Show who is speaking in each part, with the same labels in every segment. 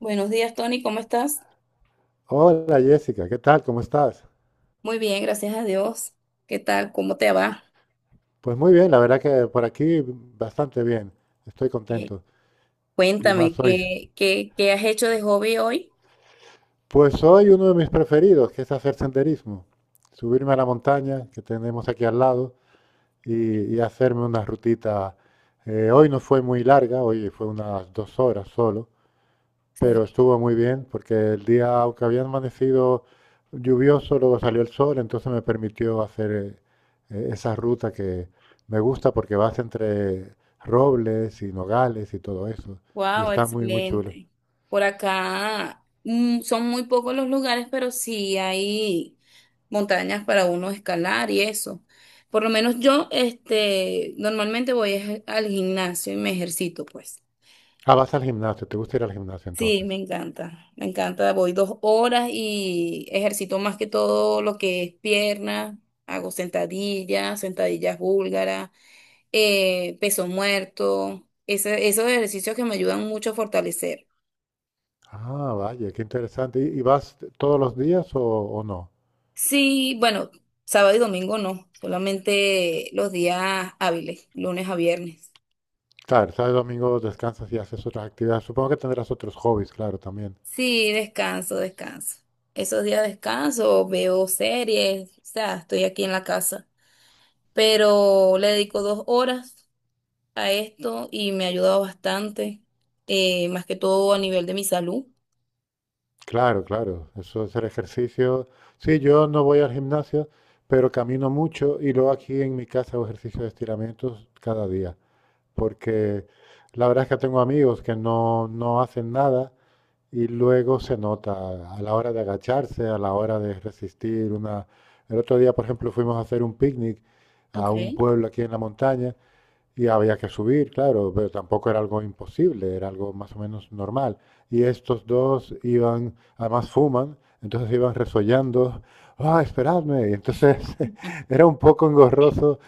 Speaker 1: Buenos días, Tony, ¿cómo estás?
Speaker 2: Hola Jessica, ¿qué tal? ¿Cómo estás?
Speaker 1: Muy bien, gracias a Dios. ¿Qué tal? ¿Cómo te va?
Speaker 2: Pues muy bien, la verdad que por aquí bastante bien, estoy
Speaker 1: Eh,
Speaker 2: contento. Y
Speaker 1: Cuéntame,
Speaker 2: más hoy.
Speaker 1: ¿qué has hecho de hobby hoy?
Speaker 2: Pues hoy uno de mis preferidos, que es hacer senderismo, subirme a la montaña que tenemos aquí al lado y hacerme una rutita. Hoy no fue muy larga, hoy fue unas 2 horas solo, pero estuvo muy bien porque el día, aunque había amanecido lluvioso, luego salió el sol, entonces me permitió hacer esa ruta que me gusta porque vas entre robles y nogales y todo eso. Y
Speaker 1: Wow,
Speaker 2: está muy, muy chulo.
Speaker 1: excelente. Por acá son muy pocos los lugares, pero sí hay montañas para uno escalar y eso. Por lo menos yo, este, normalmente voy es al gimnasio y me ejercito, pues.
Speaker 2: Ah, vas al gimnasio, ¿te gusta ir al gimnasio
Speaker 1: Sí, me
Speaker 2: entonces?
Speaker 1: encanta, me encanta. Voy 2 horas y ejercito más que todo lo que es pierna, hago sentadillas, sentadillas búlgaras, peso muerto, esos ejercicios que me ayudan mucho a fortalecer.
Speaker 2: Ah, vaya, qué interesante. ¿Y vas todos los días o no?
Speaker 1: Sí, bueno, sábado y domingo no, solamente los días hábiles, lunes a viernes.
Speaker 2: Claro, sábado y domingo descansas y haces otras actividades. Supongo que tendrás otros hobbies, claro, también.
Speaker 1: Sí, descanso, descanso. Esos días descanso, veo series, o sea, estoy aquí en la casa, pero le dedico 2 horas a esto y me ha ayudado bastante, más que todo a nivel de mi salud.
Speaker 2: Claro, claro, eso es el ejercicio. Sí, yo no voy al gimnasio, pero camino mucho y luego aquí en mi casa hago ejercicio de estiramientos cada día, porque la verdad es que tengo amigos que no hacen nada y luego se nota a la hora de agacharse, a la hora de resistir una... El otro día, por ejemplo, fuimos a hacer un picnic a un
Speaker 1: Okay.
Speaker 2: pueblo aquí en la montaña y había que subir, claro, pero tampoco era algo imposible, era algo más o menos normal. Y estos dos iban, además fuman, entonces iban resollando, ¡ah, esperadme! Y entonces era un poco engorroso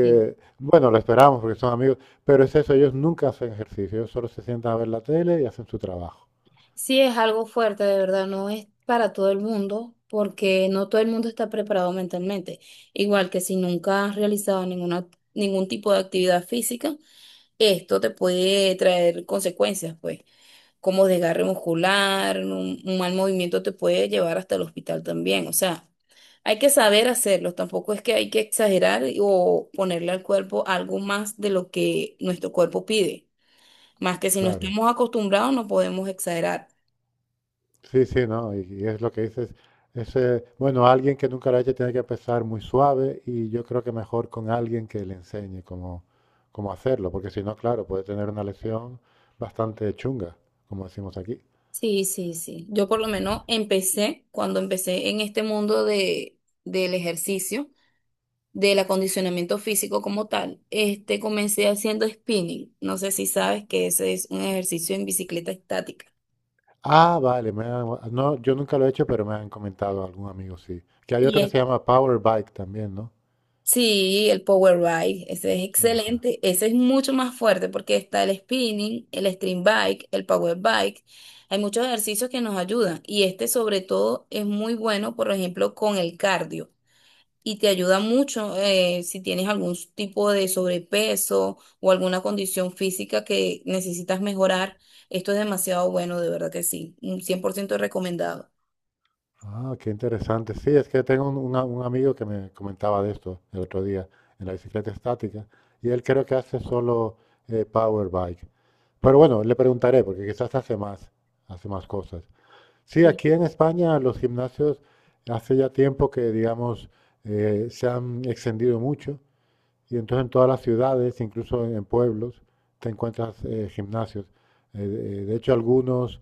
Speaker 1: Sí.
Speaker 2: bueno, lo esperamos porque son amigos, pero es eso, ellos nunca hacen ejercicio, ellos solo se sientan a ver la tele y hacen su trabajo,
Speaker 1: Sí, es algo fuerte, de verdad, no es para todo el mundo, porque no todo el mundo está preparado mentalmente. Igual que si nunca has realizado ningún tipo de actividad física, esto te puede traer consecuencias, pues, como desgarre muscular. Un mal movimiento te puede llevar hasta el hospital también. O sea, hay que saber hacerlo, tampoco es que hay que exagerar o ponerle al cuerpo algo más de lo que nuestro cuerpo pide. Más que si no
Speaker 2: claro.
Speaker 1: estamos acostumbrados, no podemos exagerar.
Speaker 2: Sí, sí, no, y es lo que dices. Es, bueno, alguien que nunca lo ha hecho tiene que empezar muy suave y yo creo que mejor con alguien que le enseñe cómo hacerlo, porque si no, claro, puede tener una lesión bastante chunga, como decimos aquí.
Speaker 1: Sí, sí, sí. Yo por lo menos empecé, cuando empecé en este mundo del ejercicio, del acondicionamiento físico como tal, este comencé haciendo spinning. No sé si sabes que ese es un ejercicio en bicicleta estática.
Speaker 2: Ah, vale, me han- no, yo nunca lo he hecho, pero me han comentado algún amigo, sí. Que hay
Speaker 1: Y
Speaker 2: otro que
Speaker 1: es-
Speaker 2: se llama Power Bike también, ¿no?
Speaker 1: sí, el power bike, ese es
Speaker 2: Ajá.
Speaker 1: excelente, ese es mucho más fuerte porque está el spinning, el stream bike, el power bike. Hay muchos ejercicios que nos ayudan y este sobre todo es muy bueno, por ejemplo, con el cardio, y te ayuda mucho, si tienes algún tipo de sobrepeso o alguna condición física que necesitas mejorar. Esto es demasiado bueno, de verdad que sí, un 100% recomendado.
Speaker 2: Ah, qué interesante. Sí, es que tengo un, un amigo que me comentaba de esto el otro día, en la bicicleta estática, y él creo que hace solo power bike. Pero bueno, le preguntaré, porque quizás hace más cosas. Sí, aquí en España los gimnasios hace ya tiempo que, digamos, se han extendido mucho, y entonces en todas las ciudades, incluso en pueblos, te encuentras gimnasios. De hecho, algunos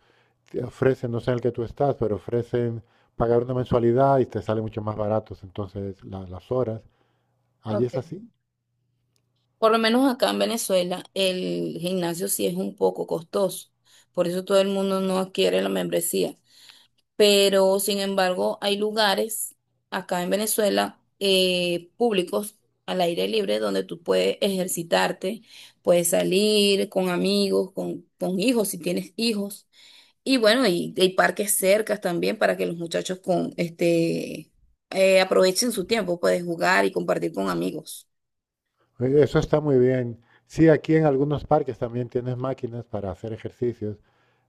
Speaker 2: te ofrecen, no sé en el que tú estás, pero ofrecen pagar una mensualidad y te sale mucho más baratos entonces la- las horas. Allí es así.
Speaker 1: Por lo menos acá en Venezuela, el gimnasio sí es un poco costoso, por eso todo el mundo no adquiere la membresía. Pero, sin embargo, hay lugares acá en Venezuela, públicos, al aire libre, donde tú puedes ejercitarte, puedes salir con amigos, con hijos, si tienes hijos. Y bueno, y hay parques cercas también para que los muchachos con este aprovechen su tiempo, puedes jugar y compartir con amigos.
Speaker 2: Eso está muy bien. Sí, aquí en algunos parques también tienes máquinas para hacer ejercicios.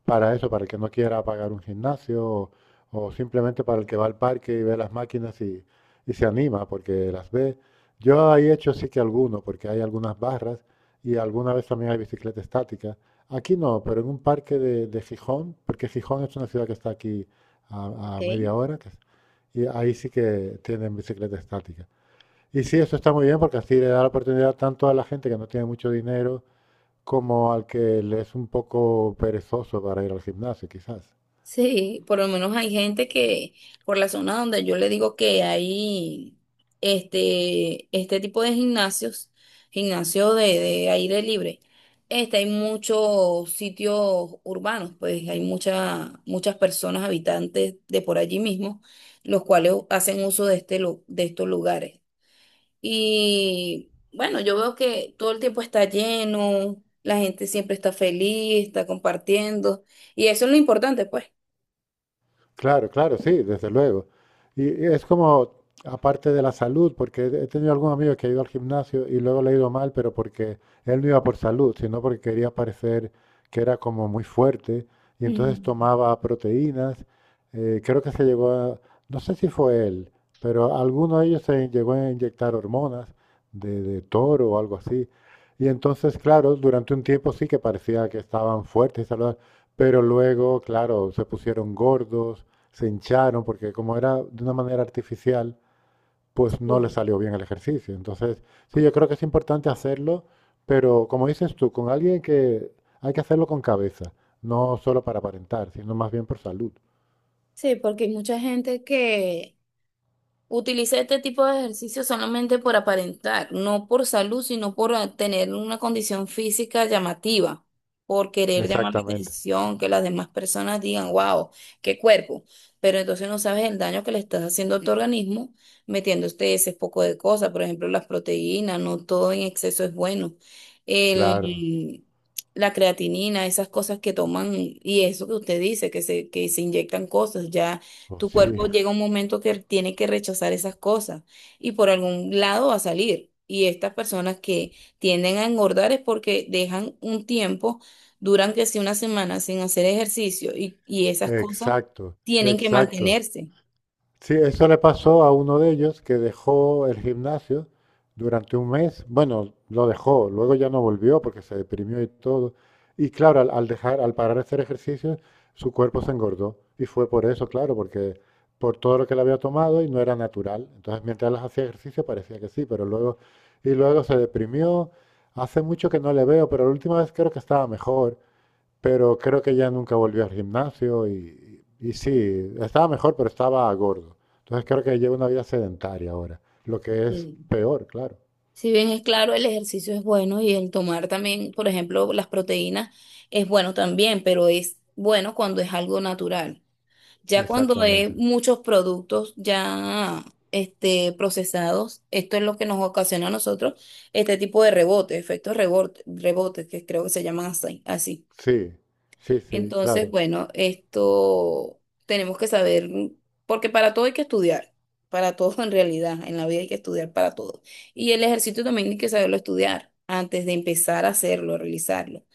Speaker 2: Para eso, para el que no quiera pagar un gimnasio o simplemente para el que va al parque y ve las máquinas y se anima porque las ve. Yo he hecho sí que alguno, porque hay algunas barras y alguna vez también hay bicicleta estática. Aquí no, pero en un parque de Gijón, porque Gijón es una ciudad que está aquí a media
Speaker 1: Ok.
Speaker 2: hora, que es- y ahí sí que tienen bicicleta estática. Y sí, eso está muy bien porque así le da la oportunidad tanto a la gente que no tiene mucho dinero como al que le es un poco perezoso para ir al gimnasio, quizás.
Speaker 1: Sí, por lo menos hay gente que por la zona donde yo le digo que hay este, este tipo de gimnasios, gimnasio de aire libre, este, hay muchos sitios urbanos, pues hay muchas personas habitantes de por allí mismo, los cuales hacen uso de, este, de estos lugares. Y bueno, yo veo que todo el tiempo está lleno, la gente siempre está feliz, está compartiendo, y eso es lo importante, pues.
Speaker 2: Claro, claro, sí, desde luego. Y es como, aparte de la salud, porque he tenido algún amigo que ha ido al gimnasio y luego le ha ido mal, pero porque él no iba por salud, sino porque quería parecer que era como muy fuerte y entonces
Speaker 1: Mm,
Speaker 2: tomaba proteínas. Creo que se llegó a, no sé si fue él, pero alguno de ellos se llegó a inyectar hormonas de toro o algo así. Y entonces, claro, durante un tiempo sí que parecía que estaban fuertes y saludables, pero luego, claro, se pusieron gordos, se hincharon porque como era de una manera artificial, pues no les
Speaker 1: sí.
Speaker 2: salió bien el ejercicio. Entonces, sí, yo creo que es importante hacerlo, pero como dices tú, con alguien que hay que hacerlo con cabeza, no solo para aparentar, sino más bien por salud.
Speaker 1: Sí, porque hay mucha gente que utilicé este tipo de ejercicio solamente por aparentar, no por salud, sino por tener una condición física llamativa, por querer llamar la
Speaker 2: Exactamente,
Speaker 1: atención, que las demás personas digan, wow, qué cuerpo. Pero entonces no sabes el daño que le estás haciendo a tu organismo metiendo este ese poco de cosas, por ejemplo, las proteínas, no todo en exceso es bueno.
Speaker 2: claro.
Speaker 1: El, la creatinina, esas cosas que toman, y eso que usted dice, que se inyectan cosas, ya.
Speaker 2: Oh,
Speaker 1: Tu
Speaker 2: sí,
Speaker 1: cuerpo llega un momento que tiene que rechazar esas cosas y por algún lado va a salir. Y estas personas que tienden a engordar es porque dejan un tiempo, duran que si una semana sin hacer ejercicio y esas cosas
Speaker 2: exacto,
Speaker 1: tienen que
Speaker 2: exacto.
Speaker 1: mantenerse.
Speaker 2: Sí, eso le pasó a uno de ellos que dejó el gimnasio durante 1 mes. Bueno, lo dejó, luego ya no volvió porque se deprimió y todo. Y claro, al dejar, al parar de hacer ejercicio, su cuerpo se engordó. Y fue por eso, claro, porque por todo lo que le había tomado y no era natural. Entonces, mientras él hacía ejercicio parecía que sí, pero luego, y luego se deprimió. Hace mucho que no le veo, pero la última vez creo que estaba mejor. Pero creo que ya nunca volvió al gimnasio y sí, estaba mejor, pero estaba gordo. Entonces creo que lleva una vida sedentaria ahora, lo que es
Speaker 1: Sí.
Speaker 2: peor, claro.
Speaker 1: Si bien es claro, el ejercicio es bueno y el tomar también, por ejemplo, las proteínas es bueno también, pero es bueno cuando es algo natural. Ya cuando hay
Speaker 2: Exactamente.
Speaker 1: muchos productos ya este, procesados, esto es lo que nos ocasiona a nosotros este tipo de rebote, efectos rebote, rebotes que creo que se llaman así, así.
Speaker 2: Sí, sí, sí,
Speaker 1: Entonces,
Speaker 2: claro.
Speaker 1: bueno, esto tenemos que saber, porque para todo hay que estudiar, para todo en realidad, en la vida hay que estudiar para todo. Y el ejercicio también hay que saberlo estudiar antes de empezar a hacerlo, realizarlo.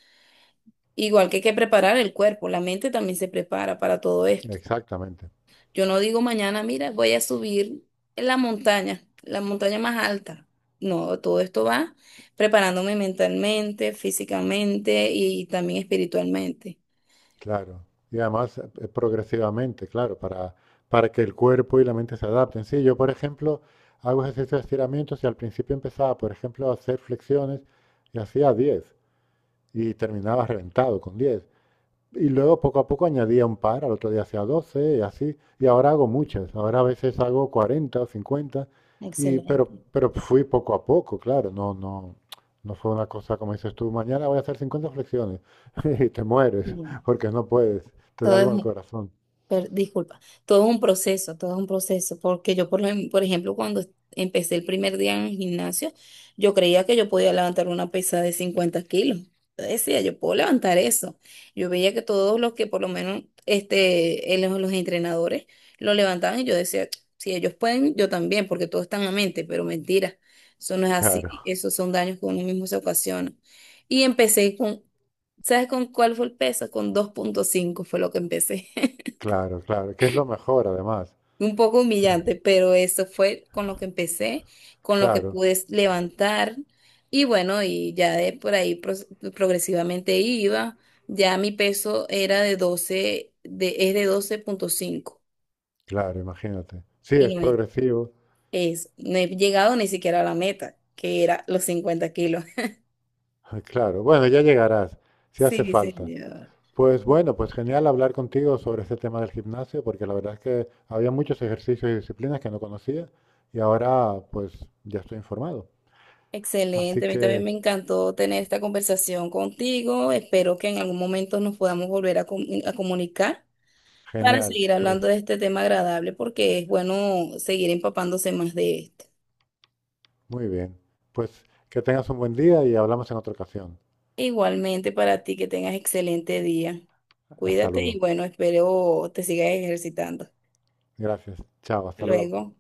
Speaker 1: Igual que hay que preparar el cuerpo, la mente también se prepara para todo esto.
Speaker 2: Exactamente,
Speaker 1: Yo no digo mañana, mira, voy a subir en la montaña más alta. No, todo esto va preparándome mentalmente, físicamente y también espiritualmente.
Speaker 2: claro. Y además progresivamente, claro, para que el cuerpo y la mente se adapten. Sí, yo, por ejemplo, hago ejercicios de estiramientos y al principio empezaba, por ejemplo, a hacer flexiones y hacía 10 y terminaba reventado con 10. Y luego poco a poco añadía un par, al otro día hacía 12 y así. Y ahora hago muchas. Ahora a veces hago 40 o 50. Y, pero,
Speaker 1: Excelente.
Speaker 2: pero fui poco a poco, claro. No, no fue una cosa como dices tú, mañana voy a hacer 50 flexiones. Y te mueres
Speaker 1: Bien.
Speaker 2: porque no puedes. Te da
Speaker 1: Todo es,
Speaker 2: algo al corazón.
Speaker 1: disculpa, todo es un proceso, todo es un proceso, porque yo, por, por ejemplo, cuando empecé el primer día en el gimnasio, yo creía que yo podía levantar una pesa de 50 kilos. Yo decía, yo puedo levantar eso. Yo veía que todos los que, por lo menos, este, los entrenadores lo levantaban y yo decía, si ellos pueden, yo también, porque todo está en la mente, pero mentira, eso no es así,
Speaker 2: Claro,
Speaker 1: esos son daños que uno mismo se ocasiona. Y empecé con, ¿sabes con cuál fue el peso? Con 2,5 fue lo que empecé.
Speaker 2: claro, claro. Que es lo mejor además.
Speaker 1: Un poco humillante, pero eso fue con lo que empecé, con lo que
Speaker 2: Claro,
Speaker 1: pude levantar. Y bueno, y ya de por ahí progresivamente iba, ya mi peso era de es de 12,5,
Speaker 2: claro, imagínate. Sí,
Speaker 1: y
Speaker 2: es progresivo.
Speaker 1: es, no he llegado ni siquiera a la meta, que era los 50 kilos.
Speaker 2: Claro. Bueno, ya llegarás, si hace
Speaker 1: Sí,
Speaker 2: falta.
Speaker 1: señor.
Speaker 2: Pues bueno, pues genial hablar contigo sobre este tema del gimnasio, porque la verdad es que había muchos ejercicios y disciplinas que no conocía y ahora pues ya estoy informado. Así
Speaker 1: Excelente, a mí también
Speaker 2: que
Speaker 1: me encantó tener esta conversación contigo. Espero que en algún momento nos podamos volver a, a comunicar, para
Speaker 2: genial,
Speaker 1: seguir
Speaker 2: pues
Speaker 1: hablando de este tema agradable, porque es bueno seguir empapándose más de esto.
Speaker 2: muy bien. Pues que tengas un buen día y hablamos en otra ocasión.
Speaker 1: Igualmente para ti, que tengas excelente día.
Speaker 2: Hasta
Speaker 1: Cuídate y
Speaker 2: luego.
Speaker 1: bueno, espero te sigas ejercitando.
Speaker 2: Gracias. Chao, hasta luego.
Speaker 1: Luego.